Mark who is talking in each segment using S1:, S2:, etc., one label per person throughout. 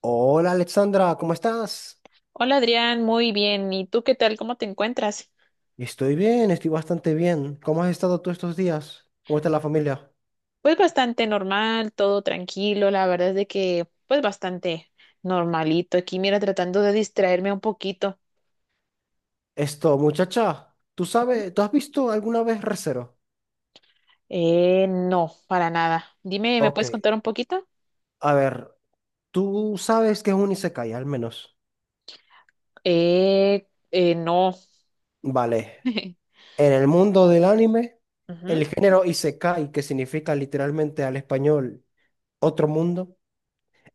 S1: Hola Alexandra, ¿cómo estás?
S2: Hola Adrián, muy bien. ¿Y tú qué tal? ¿Cómo te encuentras?
S1: Estoy bien, estoy bastante bien. ¿Cómo has estado tú estos días? ¿Cómo está la familia?
S2: Pues bastante normal, todo tranquilo. La verdad es de que, pues bastante normalito. Aquí, mira, tratando de distraerme un poquito.
S1: Muchacha, ¿tú sabes, tú has visto alguna vez Re:Zero?
S2: No, para nada. Dime, ¿me
S1: Ok,
S2: puedes contar un poquito?
S1: a ver, tú sabes que es un isekai, al menos.
S2: No.
S1: Vale, en el mundo del anime,
S2: Ujú.
S1: el género isekai, que significa literalmente al español otro mundo,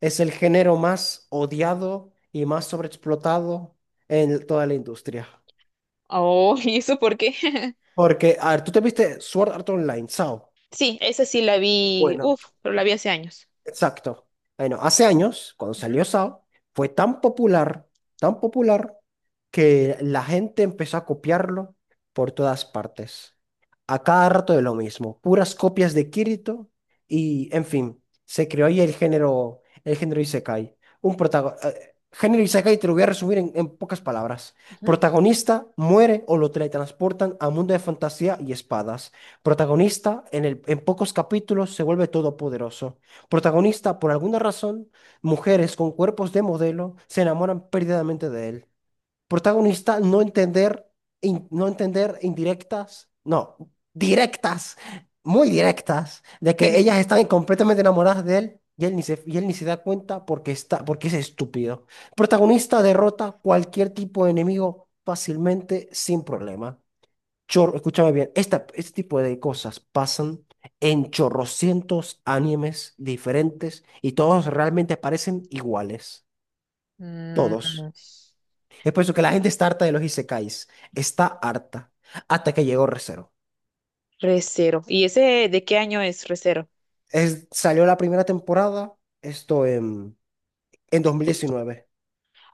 S1: es el género más odiado y más sobreexplotado en toda la industria.
S2: Oh, ¿y eso por qué?
S1: Porque, a ver, tú te viste Sword Art Online, SAO.
S2: Sí, esa sí la vi,
S1: Bueno,
S2: uf, pero la vi hace años.
S1: exacto. Bueno, hace años, cuando
S2: Ujú,
S1: salió Saw fue tan popular, que la gente empezó a copiarlo por todas partes. A cada rato de lo mismo, puras copias de Kirito y, en fin, se creó ahí el género Isekai. Género Isekai te lo voy a resumir en pocas palabras.
S2: ujú.
S1: Protagonista muere o lo teletransportan a mundo de fantasía y espadas. Protagonista en pocos capítulos se vuelve todopoderoso. Protagonista, por alguna razón, mujeres con cuerpos de modelo se enamoran perdidamente de él. Protagonista, no entender, no entender indirectas, no, directas, muy directas, de que ellas están completamente enamoradas de él y él ni se da cuenta porque es estúpido. Protagonista derrota cualquier tipo de enemigo fácilmente, sin problema. Escúchame bien, este tipo de cosas pasan en chorrocientos animes diferentes y todos realmente parecen iguales.
S2: Mm,
S1: Todos. Es por eso que la gente está harta de los isekais. Está harta. Hasta que llegó Re:Zero.
S2: Recero. ¿Y ese de qué año es Recero?
S1: Salió la primera temporada, esto en, en 2019.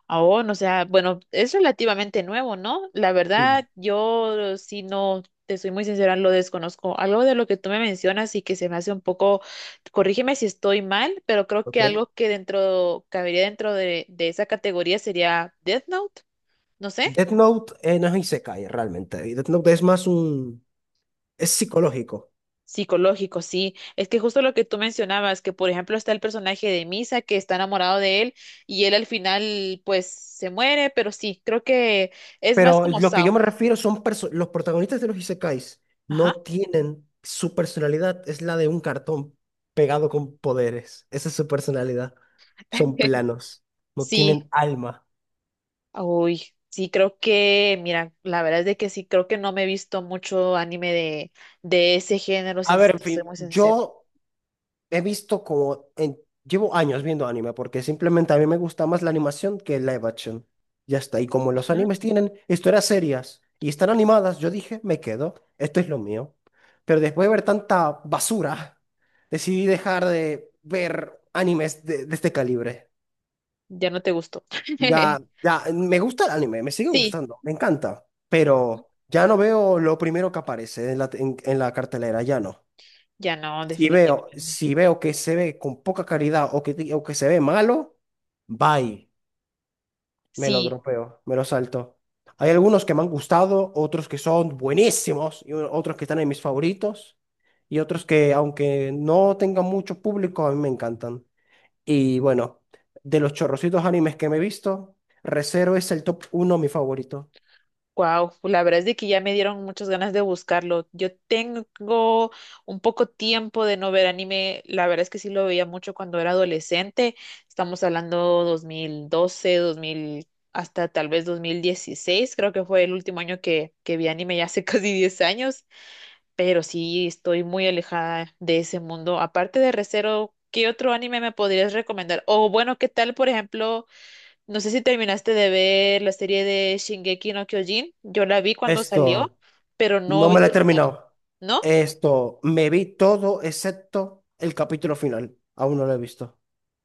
S2: Aún, o sea, bueno, es relativamente nuevo, ¿no? La
S1: Sí.
S2: verdad, yo sí no, te soy muy sincera, lo desconozco. Algo de lo que tú me mencionas y que se me hace un poco, corrígeme si estoy mal, pero creo que
S1: Ok.
S2: algo que dentro, cabería dentro de esa categoría sería Death Note, no sé.
S1: Death Note, no es isekai realmente. Death Note es más es psicológico.
S2: Psicológico, sí. Es que justo lo que tú mencionabas, que por ejemplo está el personaje de Misa que está enamorado de él y él al final pues se muere, pero sí, creo que es más
S1: Pero
S2: como
S1: lo que yo
S2: Sao.
S1: me refiero son los protagonistas de los isekais no
S2: Ajá.
S1: tienen su personalidad, es la de un cartón pegado con poderes. Esa es su personalidad. Son planos, no
S2: Sí.
S1: tienen alma.
S2: Uy, sí, creo que, mira, la verdad es de que sí, creo que no me he visto mucho anime de ese género, si
S1: A ver,
S2: es-
S1: en
S2: soy
S1: fin,
S2: muy sincera.
S1: yo he visto como, llevo años viendo anime porque simplemente a mí me gusta más la animación que el live action. Ya está. Y como los
S2: Ujú.
S1: animes tienen historias serias y están animadas, yo dije, me quedo, esto es lo mío. Pero después de ver tanta basura, decidí dejar de ver animes de este calibre.
S2: Ya no te gustó.
S1: Ya, ya, me gusta el anime, me sigue
S2: Sí,
S1: gustando, me encanta, pero ya no veo lo primero que aparece en la cartelera, ya no.
S2: ya no,
S1: Si veo,
S2: definitivamente.
S1: si veo que se ve con poca calidad o o que se ve malo, bye, me lo
S2: Sí.
S1: dropeo, me lo salto. Hay algunos que me han gustado, otros que son buenísimos, y otros que están en mis favoritos, y otros que, aunque no tengan mucho público, a mí me encantan. Y bueno, de los chorrocitos animes que me he visto, Re:Zero es el top uno, mi favorito.
S2: Wow, la verdad es de que ya me dieron muchas ganas de buscarlo. Yo tengo un poco tiempo de no ver anime. La verdad es que sí lo veía mucho cuando era adolescente. Estamos hablando 2012, dos mil hasta tal vez 2016. Creo que fue el último año que vi anime, ya hace casi 10 años. Pero sí estoy muy alejada de ese mundo. Aparte de Re:Zero, ¿qué otro anime me podrías recomendar? O bueno, ¿qué tal, por ejemplo? No sé si terminaste de ver la serie de Shingeki no Kyojin. Yo la vi cuando salió,
S1: Esto,
S2: pero no he
S1: no me lo
S2: visto
S1: he
S2: el final.
S1: terminado.
S2: ¿No?
S1: Me vi todo excepto el capítulo final. Aún no lo he visto.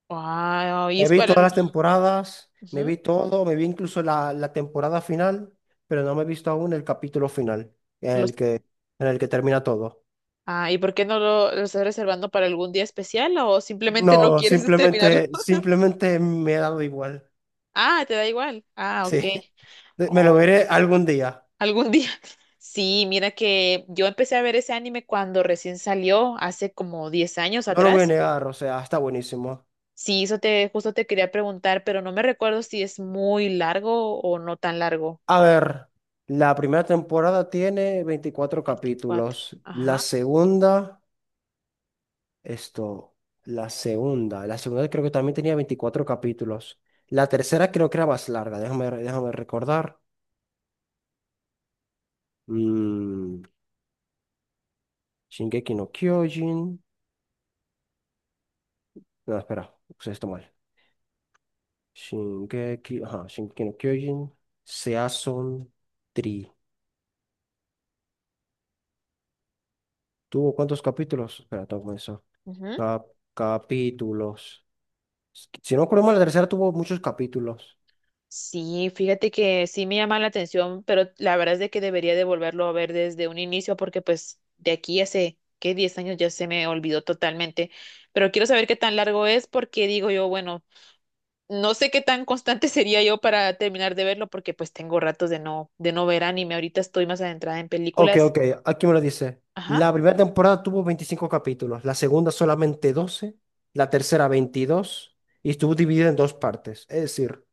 S2: Wow,
S1: Me vi todas las temporadas, me
S2: Ujú,
S1: vi todo, me vi incluso la temporada final, pero no me he visto aún el capítulo final, en el
S2: los...
S1: que, en el que termina todo.
S2: Ah, ¿y por qué no lo estás reservando para algún día especial o simplemente no
S1: No,
S2: quieres terminarlo?
S1: simplemente me ha dado igual.
S2: Ah, te da igual. Ah, ok.
S1: Sí, me lo
S2: O
S1: veré algún día.
S2: algún día. Sí, mira que yo empecé a ver ese anime cuando recién salió, hace como 10 años
S1: No lo voy a
S2: atrás.
S1: negar, o sea, está buenísimo.
S2: Sí, eso te, justo te quería preguntar, pero no me recuerdo si es muy largo o no tan largo.
S1: A ver, la primera temporada tiene 24
S2: 24,
S1: capítulos, la
S2: ajá.
S1: segunda... Esto, La segunda creo que también tenía 24 capítulos. La tercera creo que era más larga. Déjame recordar. Mm, Shingeki no Kyojin. No, espera, puse esto mal. Ajá, Shingeki no Kyojin. Season 3. ¿Tuvo cuántos capítulos? Espera, tengo que comenzar.
S2: Ujú.
S1: Cap- Capítulos. Si no recuerdo mal, la tercera tuvo muchos capítulos.
S2: Sí, fíjate que sí me llama la atención, pero la verdad es de que debería de volverlo a ver desde un inicio porque pues de aquí hace, ¿qué? 10 años ya se me olvidó totalmente. Pero quiero saber qué tan largo es porque digo yo, bueno, no sé qué tan constante sería yo para terminar de verlo porque pues tengo ratos de no ver anime. Ahorita estoy más adentrada en
S1: Ok,
S2: películas.
S1: ok, aquí me lo dice.
S2: Ajá.
S1: La primera temporada tuvo 25 capítulos, la segunda solamente 12, la tercera 22 y estuvo dividida en dos partes. Es decir,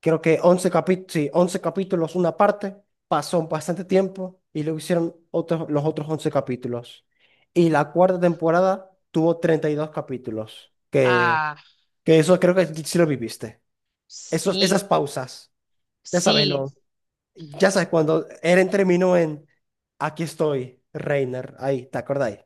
S1: creo que 11 capítulos, sí, 11 capítulos, una parte, pasó bastante tiempo y luego hicieron los otros 11 capítulos. Y la cuarta temporada tuvo 32 capítulos, que,
S2: Ah,
S1: que eso creo que sí lo viviste.
S2: sí,
S1: Esas pausas, ya sabes,
S2: sí.
S1: ya sabes, cuando Eren terminó en Aquí estoy, Reiner, ahí, ¿te acordáis?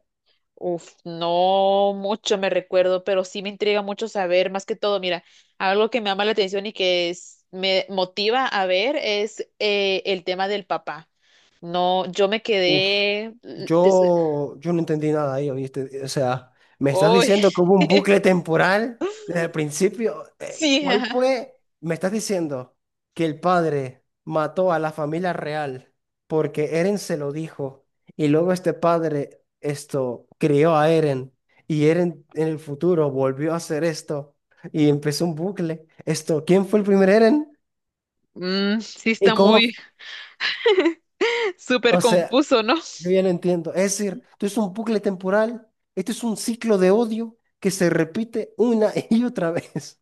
S2: Uf, no mucho me recuerdo, pero sí me intriga mucho saber, más que todo, mira, algo que me llama la atención y me motiva a ver es el tema del papá. No, yo me
S1: Uf,
S2: quedé.
S1: yo no entendí nada ahí, ¿oíste? O sea, me estás
S2: ¡Uy!
S1: diciendo que hubo un bucle temporal desde el principio.
S2: Sí,
S1: ¿Cuál
S2: ajá.
S1: fue? Me estás diciendo que el padre mató a la familia real porque Eren se lo dijo y luego este padre esto crió a Eren y Eren en el futuro volvió a hacer esto y empezó un bucle. ¿Quién fue el primer Eren?
S2: Sí
S1: ¿Y
S2: está
S1: cómo?
S2: muy súper
S1: O sea,
S2: confuso, ¿no?
S1: yo ya no entiendo. Es decir, esto es un bucle temporal, esto es un ciclo de odio que se repite una y otra vez.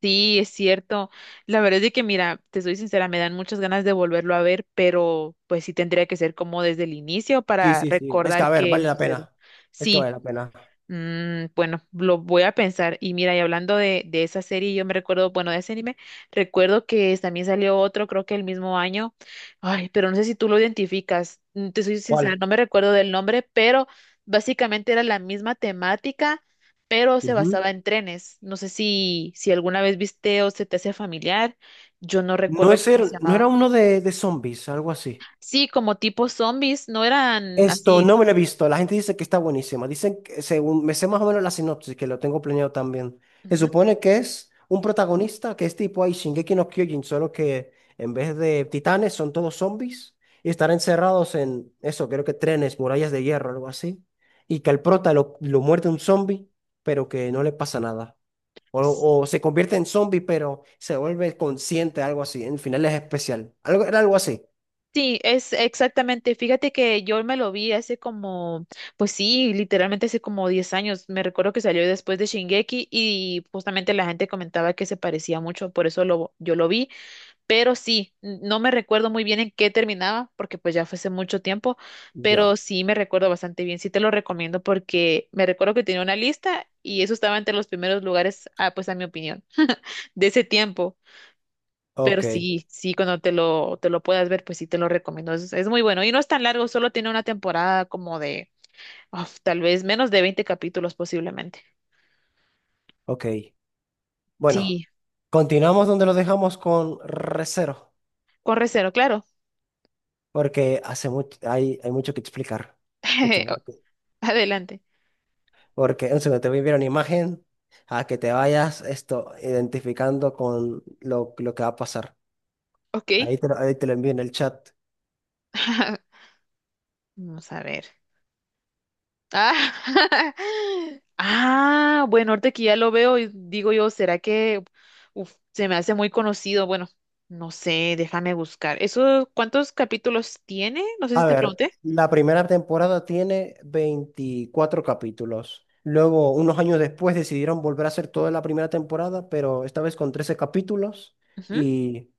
S2: Sí, es cierto. La verdad es de que, mira, te soy sincera, me dan muchas ganas de volverlo a ver, pero pues sí tendría que ser como desde el inicio
S1: Sí,
S2: para
S1: sí, sí. Es que,
S2: recordar
S1: a ver, vale
S2: qué
S1: la
S2: sucedió.
S1: pena. Es que
S2: Sí,
S1: vale la pena.
S2: Bueno, lo voy a pensar. Y mira, y hablando de esa serie, yo me recuerdo, bueno, de ese anime, recuerdo que también salió otro, creo que el mismo año. Ay, pero no sé si tú lo identificas. Te soy sincera,
S1: ¿Cuál?
S2: no me recuerdo del nombre, pero básicamente era la misma temática, pero se
S1: Ujú.
S2: basaba en trenes. No sé si alguna vez viste o se te hace familiar. Yo no
S1: No
S2: recuerdo
S1: es
S2: cómo se
S1: no
S2: llamaba.
S1: era uno de zombies, algo así.
S2: Sí, como tipo zombies, no eran
S1: Esto
S2: así.
S1: no me lo he visto. La gente dice que está buenísima. Dicen que, según me sé más o menos la sinopsis, que lo tengo planeado también. Se
S2: Ujú.
S1: supone que es un protagonista que es tipo ahí Shingeki no Kyojin, solo que en vez de titanes son todos zombies y estar encerrados en eso, creo que trenes, murallas de hierro, algo así. Y que al prota lo muerde un zombie, pero que no le pasa nada. O, o se convierte en zombie, pero se vuelve consciente, algo así. En el final es especial. Era algo así.
S2: Sí, es exactamente. Fíjate que yo me lo vi hace como, pues sí, literalmente hace como 10 años. Me recuerdo que salió después de Shingeki y justamente la gente comentaba que se parecía mucho, por eso yo lo vi. Pero sí, no me recuerdo muy bien en qué terminaba, porque pues ya fue hace mucho tiempo, pero
S1: Ya.
S2: sí me recuerdo bastante bien. Sí te lo recomiendo porque me recuerdo que tenía una lista y eso estaba entre los primeros lugares, ah, pues a mi opinión, de ese tiempo. Pero
S1: Ok,
S2: sí, sí, cuando te lo puedas ver, pues sí te lo recomiendo. Es muy bueno. Y no es tan largo, solo tiene una temporada como de, uf, tal vez menos de 20 capítulos posiblemente.
S1: ok. Bueno,
S2: Sí,
S1: continuamos donde lo dejamos con Recero,
S2: corre cero, claro.
S1: porque hace mucho, hay mucho que explicar, mucho
S2: O-
S1: más.
S2: Adelante.
S1: Porque en segundo te voy a enviar una imagen a que te vayas esto identificando con lo que va a pasar.
S2: Ok.
S1: Ahí te lo envío en el chat.
S2: Vamos a ver. Ah, ah, bueno, ahorita que ya lo veo, y digo yo, ¿será que uf, se me hace muy conocido? Bueno, no sé, déjame buscar. ¿Eso cuántos capítulos tiene? No sé si
S1: A
S2: te
S1: ver,
S2: pregunté.
S1: la primera temporada tiene 24 capítulos. Luego, unos años después, decidieron volver a hacer toda la primera temporada, pero esta vez con 13 capítulos y,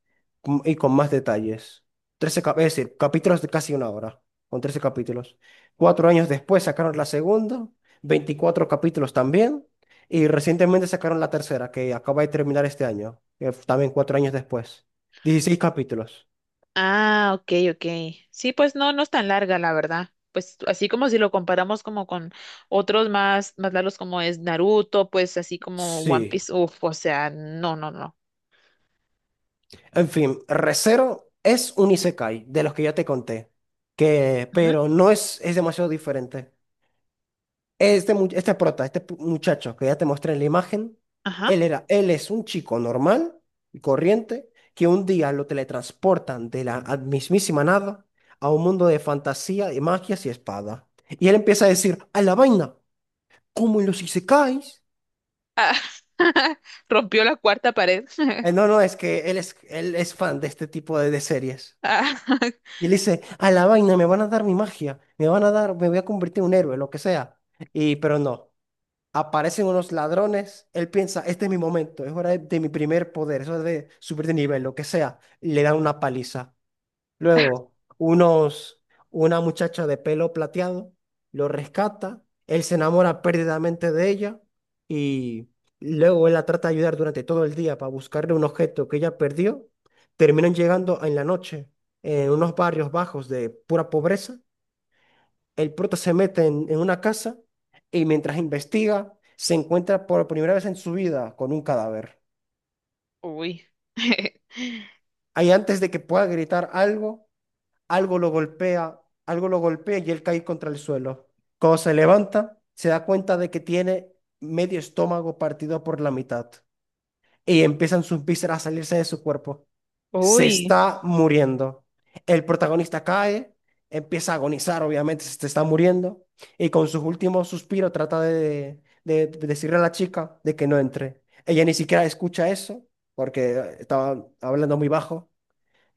S1: y con más detalles. Trece, es decir, capítulos de casi una hora, con 13 capítulos. 4 años después sacaron la segunda, 24 capítulos también, y recientemente sacaron la tercera, que acaba de terminar este año, también 4 años después. 16 capítulos.
S2: Ah, ok, ok. Sí, pues no, no es tan larga, la verdad. Pues así como si lo comparamos como con otros más largos como es Naruto, pues así como One
S1: Sí.
S2: Piece, uf, o sea, no, no, no.
S1: En fin, Re:Zero es un isekai de los que ya te conté,
S2: Ujú,
S1: pero no es, es demasiado diferente. Muchacho que ya te mostré en la imagen,
S2: ajá.
S1: él es un chico normal y corriente que un día lo teletransportan de la mismísima nada a un mundo de fantasía, de magias y espada. Y él empieza a decir, a la vaina, como en los isekais.
S2: Rompió la cuarta pared.
S1: No, no, es que él es fan de este tipo de series.
S2: Ah,
S1: Y él dice, a la vaina, me van a dar mi magia, me voy a convertir en un héroe, lo que sea. Pero no, aparecen unos ladrones, él piensa, este es mi momento, es hora de mi primer poder, es hora de subir de nivel, lo que sea. Y le dan una paliza. Luego, una muchacha de pelo plateado lo rescata, él se enamora perdidamente de ella y luego él la trata de ayudar durante todo el día para buscarle un objeto que ella perdió. Terminan llegando en la noche en unos barrios bajos de pura pobreza. El prota se mete en una casa y mientras investiga se encuentra por primera vez en su vida con un cadáver.
S2: Uy.
S1: Ahí antes de que pueda gritar algo, algo lo golpea, algo lo golpea y él cae contra el suelo. Cuando se levanta, se da cuenta de que tiene medio estómago partido por la mitad y empiezan sus vísceras a salirse de su cuerpo. Se
S2: Uy.
S1: está muriendo. El protagonista cae, empieza a agonizar, obviamente, se está muriendo y con sus últimos suspiros trata de decirle a la chica de que no entre. Ella ni siquiera escucha eso porque estaba hablando muy bajo.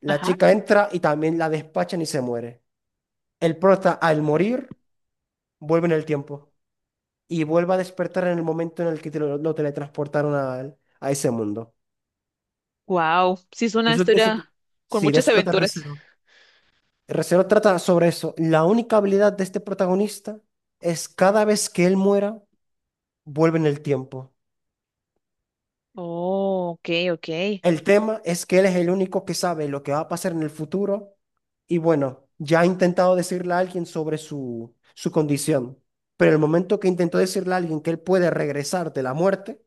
S1: La
S2: Ajá.
S1: chica entra y también la despachan y se muere. El prota, al morir, vuelve en el tiempo y vuelve a despertar en el momento en el que lo teletransportaron a ese mundo.
S2: Wow. Sí, es una
S1: Eso,
S2: historia con
S1: sí, de
S2: muchas
S1: eso trata
S2: aventuras.
S1: Re:Zero. Re:Zero trata sobre eso. La única habilidad de este protagonista es cada vez que él muera, vuelve en el tiempo.
S2: Oh, ok, ok.
S1: El tema es que él es el único que sabe lo que va a pasar en el futuro y bueno, ya ha intentado decirle a alguien sobre su condición, pero el momento que intentó decirle a alguien que él puede regresar de la muerte,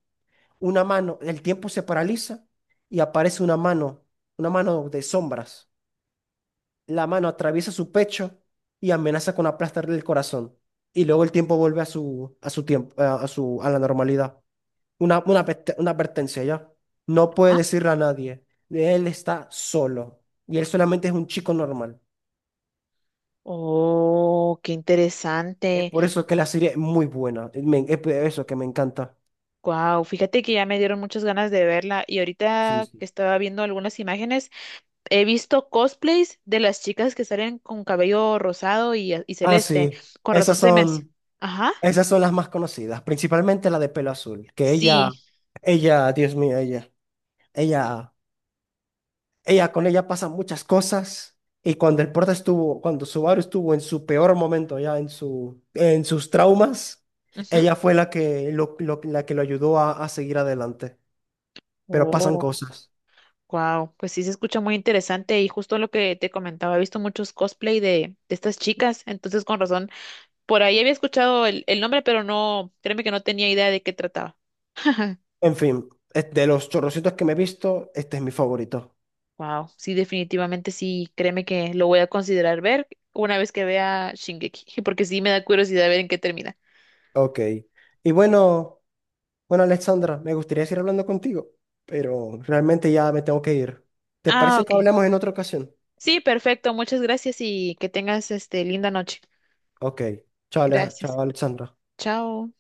S1: el tiempo se paraliza y aparece una mano de sombras. La mano atraviesa su pecho y amenaza con aplastarle el corazón. Y luego el tiempo vuelve a su tiempo, a la normalidad. Una advertencia ya. No puede
S2: Ah,
S1: decirle a nadie. Él está solo. Y él solamente es un chico normal.
S2: oh, qué
S1: Es
S2: interesante.
S1: por eso que la serie es muy buena. Es por eso que me encanta.
S2: Wow, fíjate que ya me dieron muchas ganas de verla y
S1: Sí,
S2: ahorita
S1: sí.
S2: que estaba viendo algunas imágenes, he visto cosplays de las chicas que salen con cabello rosado y
S1: Ah,
S2: celeste.
S1: sí.
S2: Con razón
S1: Esas
S2: se me hace.
S1: son.
S2: Ajá,
S1: Esas son las más conocidas, principalmente la de pelo azul, que ella,
S2: sí.
S1: ella, Dios mío, ella, con ella pasan muchas cosas. Y cuando cuando Subaru estuvo en su peor momento, ya en sus traumas,
S2: Ujú.
S1: ella fue la que lo ayudó a seguir adelante. Pero pasan
S2: Oh,
S1: cosas.
S2: wow, pues sí se escucha muy interesante y justo lo que te comentaba, he visto muchos cosplay de estas chicas, entonces con razón, por ahí había escuchado el nombre, pero no, créeme que no tenía idea de qué trataba.
S1: En fin, es de los chorrocitos que me he visto, este es mi favorito.
S2: Wow, sí, definitivamente sí, créeme que lo voy a considerar ver una vez que vea Shingeki, porque sí me da curiosidad ver en qué termina.
S1: Ok. Y bueno. Bueno, Alexandra, me gustaría seguir hablando contigo, pero realmente ya me tengo que ir. ¿Te
S2: Ah,
S1: parece que
S2: ok.
S1: hablemos en otra ocasión?
S2: Sí, perfecto, muchas gracias y que tengas este linda noche.
S1: Ok. Chao,
S2: Gracias.
S1: chao, Alexandra.
S2: Chao.